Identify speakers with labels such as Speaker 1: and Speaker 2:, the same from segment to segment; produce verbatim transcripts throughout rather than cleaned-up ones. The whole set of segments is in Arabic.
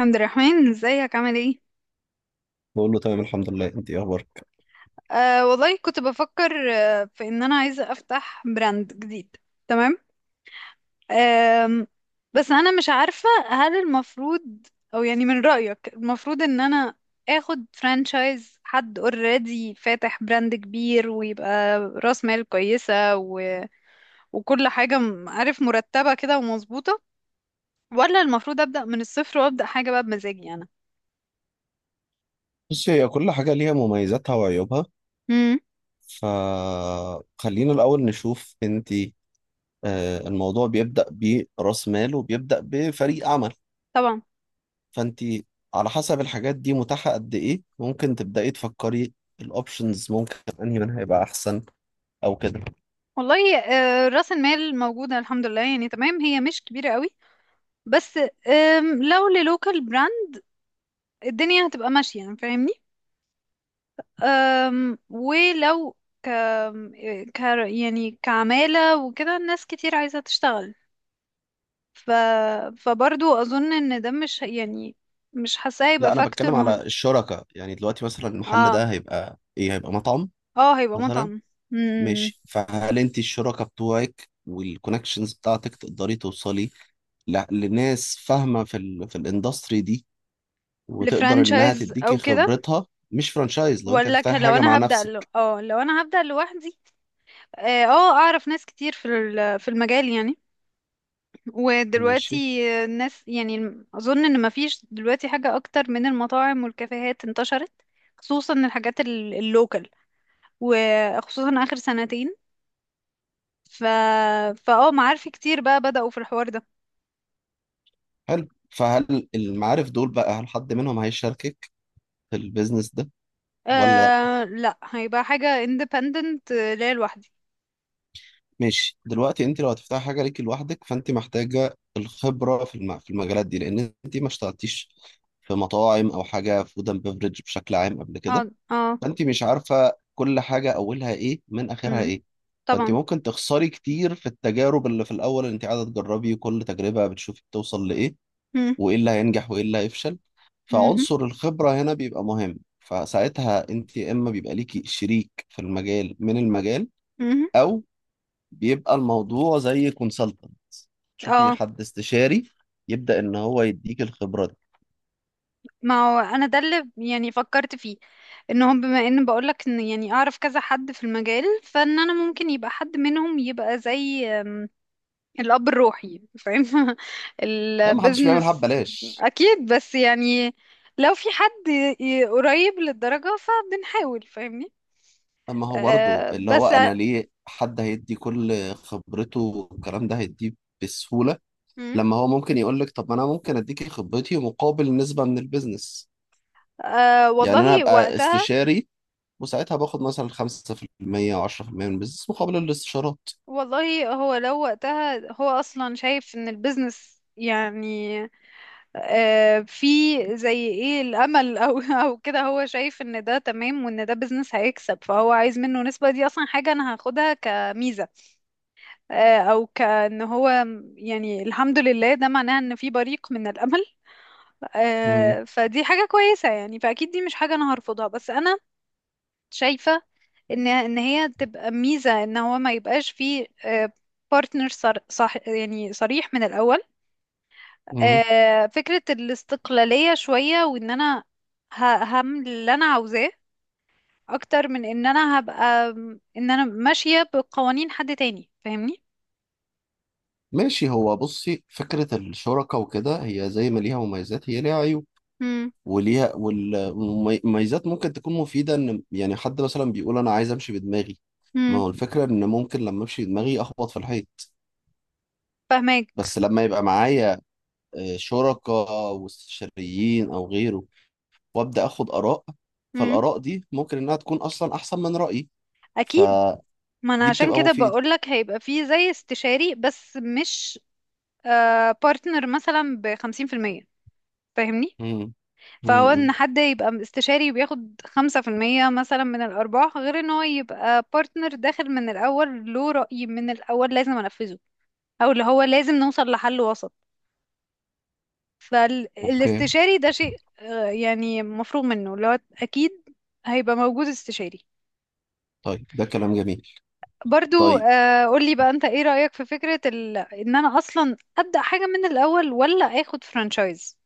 Speaker 1: عبد الرحمن، ازيك؟ عامل ايه؟
Speaker 2: بقول له تمام، الحمد لله. انت ايه اخبارك؟
Speaker 1: آه والله، كنت بفكر آه في ان انا عايزه افتح براند جديد. تمام. آم، بس انا مش عارفه هل المفروض او يعني من رايك المفروض ان انا اخد فرانشايز حد اوريدي فاتح براند كبير ويبقى راس مال كويسه و... وكل حاجه م- عارف، مرتبه كده ومظبوطه، ولا المفروض ابدا من الصفر وابدا حاجه بقى بمزاجي انا.
Speaker 2: بص، هي كل حاجه ليها مميزاتها وعيوبها.
Speaker 1: امم.
Speaker 2: فخلينا الاول نشوف انت. آه، الموضوع بيبدا براس مال وبيبدا بفريق عمل.
Speaker 1: طبعا.
Speaker 2: فانت على حسب الحاجات دي متاحه قد ايه، ممكن تبداي تفكري الاوبشنز، ممكن انهي منها هيبقى احسن او كده.
Speaker 1: والله آه، راس المال موجودة الحمد لله، يعني تمام، هي مش كبيرة قوي، بس آم، لو للوكال براند الدنيا هتبقى ماشية، يعني فاهمني. آم، ولو ك... ك يعني كعمالة وكده، ناس كتير عايزة تشتغل. ف... فبرضو أظن إن ده مش ه- يعني مش حاساه هيبقى
Speaker 2: لا، انا
Speaker 1: فاكتور
Speaker 2: بتكلم
Speaker 1: مهم.
Speaker 2: على الشركه. يعني دلوقتي مثلا المحل
Speaker 1: اه.
Speaker 2: ده هيبقى ايه، هيبقى مطعم
Speaker 1: اه، هيبقى
Speaker 2: مثلا.
Speaker 1: مطعم. مم.
Speaker 2: ماشي. فهل انت الشركاء بتوعك والكونكشنز بتاعتك تقدري توصلي ل- لناس فاهمه في ال في الاندستري دي، وتقدر انها
Speaker 1: لفرانشايز
Speaker 2: تديكي
Speaker 1: أو كده،
Speaker 2: خبرتها، مش فرانشايز، لو انت
Speaker 1: ولا ك-
Speaker 2: هتفتحي
Speaker 1: لو
Speaker 2: حاجه مع
Speaker 1: أنا هبدأ ل...
Speaker 2: نفسك.
Speaker 1: اه لو أنا هبدأ لوحدي. اه، آه، اعرف ناس كتير في ال- في المجال يعني. ودلوقتي
Speaker 2: ماشي،
Speaker 1: الناس، يعني اظن ان مفيش دلوقتي حاجة اكتر من المطاعم والكافيهات انتشرت، خصوصا الحاجات ال- اللوكال، وخصوصا اخر سنتين. ف فاه معارفي كتير بقى بدأوا في الحوار ده.
Speaker 2: حلو. فهل المعارف دول بقى، هل حد منهم هيشاركك في البيزنس ده ولا لا؟
Speaker 1: آه لا، هيبقى حاجة independent، آه، ليا لوحدي.
Speaker 2: ماشي. دلوقتي انت لو هتفتحي حاجه ليكي لوحدك، فانت محتاجه الخبره في الم- في المجالات دي، لان انت ما اشتغلتيش في مطاعم او حاجه فود اند بيفرج بشكل عام قبل
Speaker 1: اه.
Speaker 2: كده.
Speaker 1: اه.
Speaker 2: فانت مش عارفه كل حاجه اولها ايه من اخرها
Speaker 1: مم.
Speaker 2: ايه. فانت
Speaker 1: طبعا.
Speaker 2: ممكن تخسري كتير في التجارب اللي في الاول، اللي انت قاعده تجربي كل تجربه بتشوفي بتوصل لايه،
Speaker 1: مم.
Speaker 2: وايه اللي هينجح وايه اللي هيفشل.
Speaker 1: مهم.
Speaker 2: فعنصر الخبره هنا بيبقى مهم. فساعتها انت يا اما بيبقى ليكي شريك في المجال من المجال،
Speaker 1: مهم.
Speaker 2: او بيبقى الموضوع زي كونسلتنت، تشوفي
Speaker 1: اه،
Speaker 2: حد استشاري يبدا ان هو يديك الخبره دي.
Speaker 1: ما هو انا ده اللي يعني فكرت فيه، ان هم بما ان بقولك ان يعني اعرف كذا حد في المجال، فان انا ممكن يبقى حد منهم يبقى زي الاب الروحي، فاهم
Speaker 2: ده ما حدش بيعملها
Speaker 1: البيزنس.
Speaker 2: ببلاش.
Speaker 1: اكيد، بس يعني لو في حد ي- ي- قريب للدرجة فبنحاول، فاهمني.
Speaker 2: اما هو برضه،
Speaker 1: أه،
Speaker 2: اللي هو
Speaker 1: بس.
Speaker 2: انا ليه حد هيدي كل خبرته والكلام ده هيديه بسهولة؟
Speaker 1: مم.
Speaker 2: لما هو ممكن يقول لك طب ما انا ممكن اديكي خبرتي مقابل نسبة من البيزنس.
Speaker 1: أه
Speaker 2: يعني انا
Speaker 1: والله،
Speaker 2: ابقى
Speaker 1: وقتها
Speaker 2: استشاري، وساعتها باخد مثلا خمسة في المية او عشرة في المية من البيزنس مقابل الاستشارات.
Speaker 1: والله، هو لو وقتها هو اصلا شايف ان البيزنس، يعني آه، في زي ايه الامل، او او كده، هو شايف ان ده تمام وان ده بيزنس هيكسب، فهو عايز منه نسبة، دي اصلا حاجة انا هاخدها كميزة. آه، او كان هو، يعني الحمد لله، ده معناه ان في بريق من الامل.
Speaker 2: مم.
Speaker 1: آه، فدي حاجة كويسة يعني، فاكيد دي مش حاجة انا هرفضها. بس انا شايفة ان ان هي تبقى ميزة، ان هو ما يبقاش فيه بارتنر، صح، يعني صريح من الاول.
Speaker 2: مم.
Speaker 1: آه، فكرة الاستقلالية شوية، وان انا ه- هعمل اللي انا عاوزاه، اكتر من ان انا هبقى، ان انا ماشية بقوانين حد تاني، فاهمني.
Speaker 2: ماشي. هو بصي، فكرة الشركة وكده، هي زي ما ليها مميزات هي ليها عيوب.
Speaker 1: امم.
Speaker 2: وليها وال- والمميزات ممكن تكون مفيدة، ان يعني حد مثلا بيقول انا عايز امشي بدماغي. ما
Speaker 1: امم.
Speaker 2: هو الفكرة ان ممكن لما امشي بدماغي اخبط في الحيط.
Speaker 1: فاهماك.
Speaker 2: بس لما يبقى معايا آه، شركاء واستشاريين او غيره، وابدا اخد اراء،
Speaker 1: امم.
Speaker 2: فالاراء دي ممكن انها تكون اصلا احسن من رايي.
Speaker 1: اكيد.
Speaker 2: فدي
Speaker 1: ما انا عشان
Speaker 2: بتبقى
Speaker 1: كده
Speaker 2: مفيدة.
Speaker 1: بقولك هيبقى فيه زي استشاري، بس مش بارتنر، مثلا بخمسين في المية، فاهمني.
Speaker 2: امم امم
Speaker 1: فهو
Speaker 2: امم.
Speaker 1: ان حد يبقى استشاري وبياخد خمسة في المية مثلا من الارباح، غير ان هو يبقى بارتنر داخل من الاول، له رأي من الاول لازم انفذه، او اللي هو لازم نوصل لحل وسط.
Speaker 2: اوكي،
Speaker 1: فالاستشاري ده شيء آه، يعني مفروغ منه، اللي هو اكيد هيبقى موجود استشاري.
Speaker 2: طيب، ده كلام جميل.
Speaker 1: برضو
Speaker 2: طيب،
Speaker 1: آه، قولي بقى انت ايه رأيك في فكرة ال... ان انا اصلا ابدأ حاجة من الاول، ولا اخد فرانشايز؟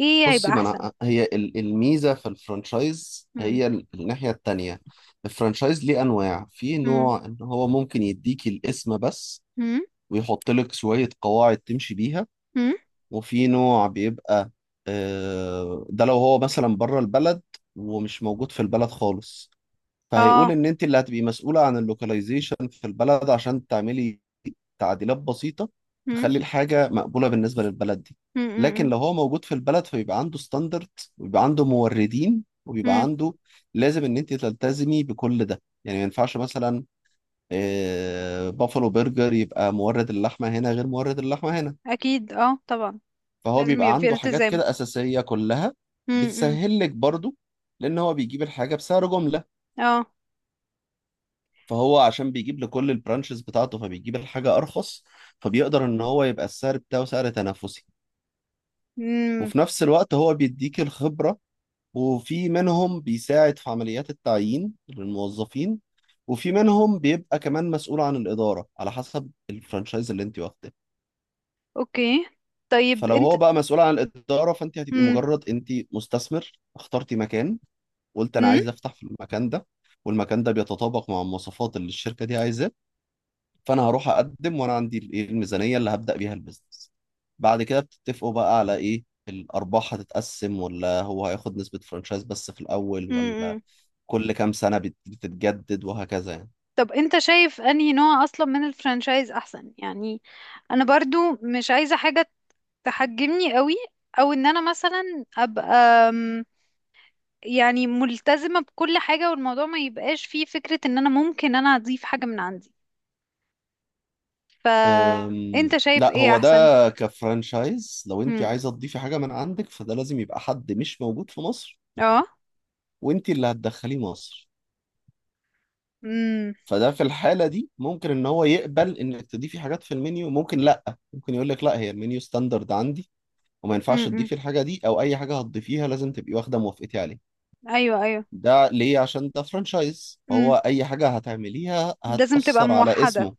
Speaker 1: ايه
Speaker 2: بصي،
Speaker 1: هيبقى
Speaker 2: ما
Speaker 1: احسن؟
Speaker 2: انا هي ال- الميزه في الفرانشايز
Speaker 1: مم.
Speaker 2: هي ال- الناحيه التانية. الفرانشايز ليه انواع. في
Speaker 1: مم.
Speaker 2: نوع ان هو ممكن يديك الاسم بس،
Speaker 1: مم.
Speaker 2: ويحط لك شويه قواعد تمشي بيها.
Speaker 1: مم.
Speaker 2: وفي نوع بيبقى آه، ده لو هو مثلا بره البلد ومش موجود في البلد خالص، فهيقول
Speaker 1: اه.
Speaker 2: ان انت اللي هتبقي مسؤولة عن اللوكاليزيشن في البلد، عشان تعملي تعديلات بسيطة
Speaker 1: مم.
Speaker 2: تخلي الحاجة مقبولة بالنسبة للبلد دي.
Speaker 1: مم.
Speaker 2: لكن
Speaker 1: مم.
Speaker 2: لو هو موجود في البلد، فبيبقى عنده ستاندرد، ويبقى عنده موردين، وبيبقى
Speaker 1: مم.
Speaker 2: عنده، لازم ان انت تلتزمي بكل ده. يعني ما ينفعش مثلا آه، بافلو برجر يبقى مورد اللحمة هنا غير مورد اللحمة هنا.
Speaker 1: اكيد، اه، طبعا.
Speaker 2: فهو
Speaker 1: لازم
Speaker 2: بيبقى
Speaker 1: يبقى في
Speaker 2: عنده حاجات
Speaker 1: التزام.
Speaker 2: كده أساسية كلها،
Speaker 1: مم. مم.
Speaker 2: بتسهل لك برضو، لأن هو بيجيب الحاجة بسعر جملة.
Speaker 1: اه.
Speaker 2: فهو عشان بيجيب لكل البرانشز بتاعته، فبيجيب الحاجة أرخص، فبيقدر إن هو يبقى السعر بتاعه سعر تنافسي.
Speaker 1: مم.
Speaker 2: وفي نفس الوقت هو بيديك الخبرة. وفي منهم بيساعد في عمليات التعيين للموظفين، وفي منهم بيبقى كمان مسؤول عن الإدارة على حسب الفرانشايز اللي أنت واخده.
Speaker 1: اوكي، طيب
Speaker 2: فلو
Speaker 1: انت.
Speaker 2: هو بقى مسؤول عن الإدارة، فأنت هتبقي
Speaker 1: مم.
Speaker 2: مجرد أنت مستثمر اخترتي مكان، قلت أنا
Speaker 1: مم.
Speaker 2: عايز أفتح في المكان ده، والمكان ده بيتطابق مع المواصفات اللي الشركة دي عايزاه. فانا هروح اقدم وانا عندي الايه الميزانيه اللي هبدا بيها البيزنس. بعد كده بتتفقوا بقى على ايه، الارباح هتتقسم ولا هو هياخد نسبه فرانشايز بس في الاول،
Speaker 1: مم.
Speaker 2: ولا
Speaker 1: مم.
Speaker 2: كل كام سنه بت- بتتجدد وهكذا يعني.
Speaker 1: طب انت شايف انهي نوع اصلا من الفرانشايز احسن يعني؟ انا برضو مش عايزة حاجة تحجمني قوي، او ان انا مثلا ابقى، أم، يعني ملتزمة بكل حاجة، والموضوع ما يبقاش فيه فكرة ان انا ممكن انا اضيف حاجة من عندي.
Speaker 2: أم،
Speaker 1: فانت شايف
Speaker 2: لا
Speaker 1: ايه
Speaker 2: هو ده
Speaker 1: احسن؟
Speaker 2: كفرانشايز. لو انت
Speaker 1: امم.
Speaker 2: عايزه تضيفي حاجه من عندك، فده لازم يبقى حد مش موجود في مصر،
Speaker 1: اه.
Speaker 2: وانت اللي هتدخليه مصر.
Speaker 1: امم.
Speaker 2: فده في الحاله دي ممكن ان هو يقبل انك تضيفي حاجات في المنيو، ممكن لا، ممكن يقول لك لا، هي المنيو ستاندرد عندي، وما ينفعش
Speaker 1: امم.
Speaker 2: تضيفي الحاجة دي، أو أي حاجة هتضيفيها لازم تبقي واخدة موافقتي عليه.
Speaker 1: ايوه، ايوه.
Speaker 2: ده ليه؟ عشان ده فرانشايز،
Speaker 1: امم.
Speaker 2: فهو أي حاجة هتعمليها
Speaker 1: لازم تبقى
Speaker 2: هتأثر على
Speaker 1: موحدة.
Speaker 2: اسمه.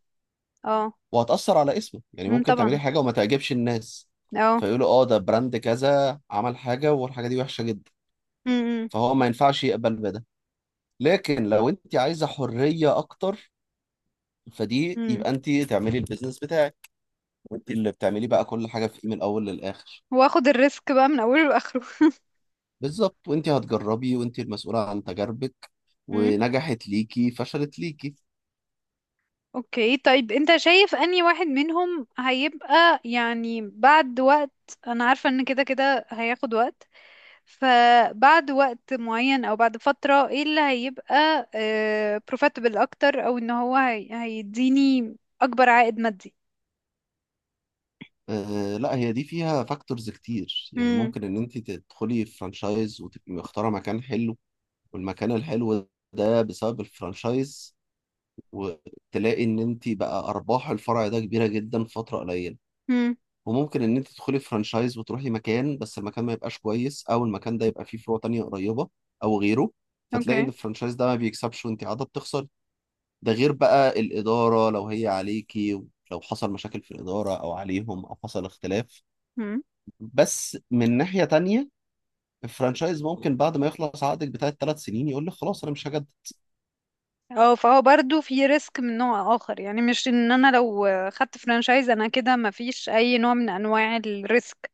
Speaker 1: اه.
Speaker 2: وهتأثر على اسمه. يعني
Speaker 1: امم،
Speaker 2: ممكن تعملي
Speaker 1: طبعا.
Speaker 2: حاجة وما تعجبش الناس،
Speaker 1: اه.
Speaker 2: فيقولوا اه ده براند كذا عمل حاجة والحاجة دي وحشة جدا.
Speaker 1: امم.
Speaker 2: فهو ما ينفعش يقبل بده. لكن لو انت عايزة حرية أكتر، فدي
Speaker 1: امم.
Speaker 2: يبقى انت تعملي البيزنس بتاعك، وانت اللي بتعملي بقى كل حاجة فيه من الأول للآخر.
Speaker 1: واخد الريسك بقى من اوله لاخره.
Speaker 2: بالظبط. وانت هتجربي وانت المسؤولة عن تجاربك، ونجحت ليكي فشلت ليكي.
Speaker 1: اوكي، طيب انت شايف اني واحد منهم هيبقى يعني بعد وقت، انا عارفة ان كده كده هياخد وقت، فبعد وقت معين او بعد فترة ايه اللي هيبقى آه profitable اكتر، او ان هو هي هيديني اكبر عائد مادي؟
Speaker 2: آه لا، هي دي فيها فاكتورز كتير. يعني
Speaker 1: امم.
Speaker 2: ممكن ان انت تدخلي فرانشايز وتبقي مختاره مكان حلو، والمكان الحلو ده بسبب الفرانشايز، وتلاقي ان انت بقى ارباح الفرع ده كبيره جدا في فتره قليله.
Speaker 1: امم.
Speaker 2: وممكن ان انت تدخلي فرانشايز وتروحي مكان بس المكان ما يبقاش كويس، او المكان ده يبقى فيه فروع تانية قريبه او غيره، فتلاقي
Speaker 1: اوكي.
Speaker 2: ان الفرانشايز ده ما بيكسبش وانت قاعده بتخسري. ده غير بقى الإدارة، لو هي عليكي لو حصل مشاكل في الإدارة، أو عليهم، أو حصل اختلاف.
Speaker 1: امم.
Speaker 2: بس من ناحية تانية، الفرانشايز ممكن بعد ما يخلص عقدك بتاع الثلاث سنين يقول لك خلاص أنا مش هجدد.
Speaker 1: اه، فهو برضو في ريسك من نوع اخر، يعني مش ان انا لو خدت فرانشايز انا كده مفيش اي نوع من انواع الريسك.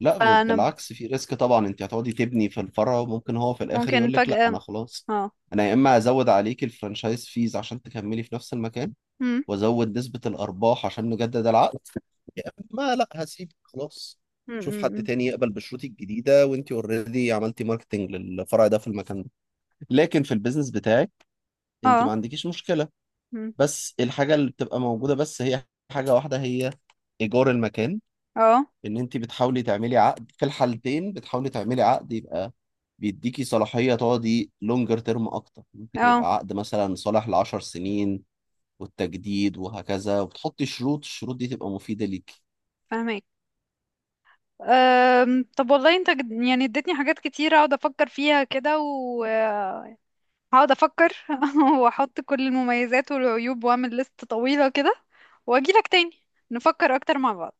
Speaker 2: لا، ب-
Speaker 1: فانا
Speaker 2: بالعكس في ريسك طبعا. أنت هتقعدي تبني في الفرع وممكن هو في الآخر
Speaker 1: ممكن
Speaker 2: يقول لك لا
Speaker 1: فجأة.
Speaker 2: أنا خلاص.
Speaker 1: اه.
Speaker 2: أنا يا إما هزود عليك الفرانشايز فيز عشان تكملي في نفس المكان، وازود نسبة الارباح عشان نجدد العقد، يا اما لا، هسيب خلاص، شوف حد
Speaker 1: امم.
Speaker 2: تاني يقبل بشروطي الجديدة، وانت اوريدي عملتي ماركتنج للفرع ده في المكان ده. لكن في البيزنس بتاعك، انت
Speaker 1: اه.
Speaker 2: ما عندكيش مشكلة.
Speaker 1: مم.
Speaker 2: بس الحاجة اللي بتبقى موجودة بس، هي حاجة واحدة، هي ايجار المكان.
Speaker 1: اه.
Speaker 2: ان انت بتحاولي تعملي عقد، في الحالتين بتحاولي تعملي عقد يبقى بيديكي صلاحية تقعدي لونجر تيرم اكتر، ممكن
Speaker 1: اه.
Speaker 2: يبقى عقد مثلا صالح ل عشرة سنين، والتجديد وهكذا، وبتحطي شروط، الشروط دي تبقى مفيدة ليك.
Speaker 1: فاهمك. أم، طب والله انت جد- يعني اديتني حاجات كتير اقعد افكر فيها كده، وهقعد افكر واحط كل المميزات والعيوب واعمل لست طويلة كده، واجي لك تاني، نفكر اكتر مع بعض.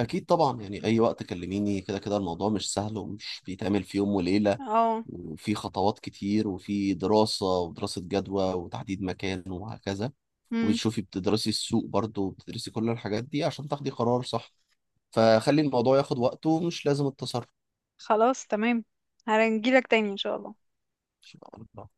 Speaker 2: أكيد طبعا. يعني أي وقت كلميني، كده كده الموضوع مش سهل ومش بيتعمل في يوم وليلة.
Speaker 1: اه.
Speaker 2: وفي خطوات كتير، وفي دراسة ودراسة جدوى وتحديد مكان وهكذا.
Speaker 1: امم.
Speaker 2: وبتشوفي بتدرسي السوق برضه، وبتدرسي كل الحاجات دي عشان تاخدي قرار صح. فخلي الموضوع ياخد وقته، ومش لازم
Speaker 1: خلاص، تمام، هنجي لك تاني ان شاء الله.
Speaker 2: التسرع.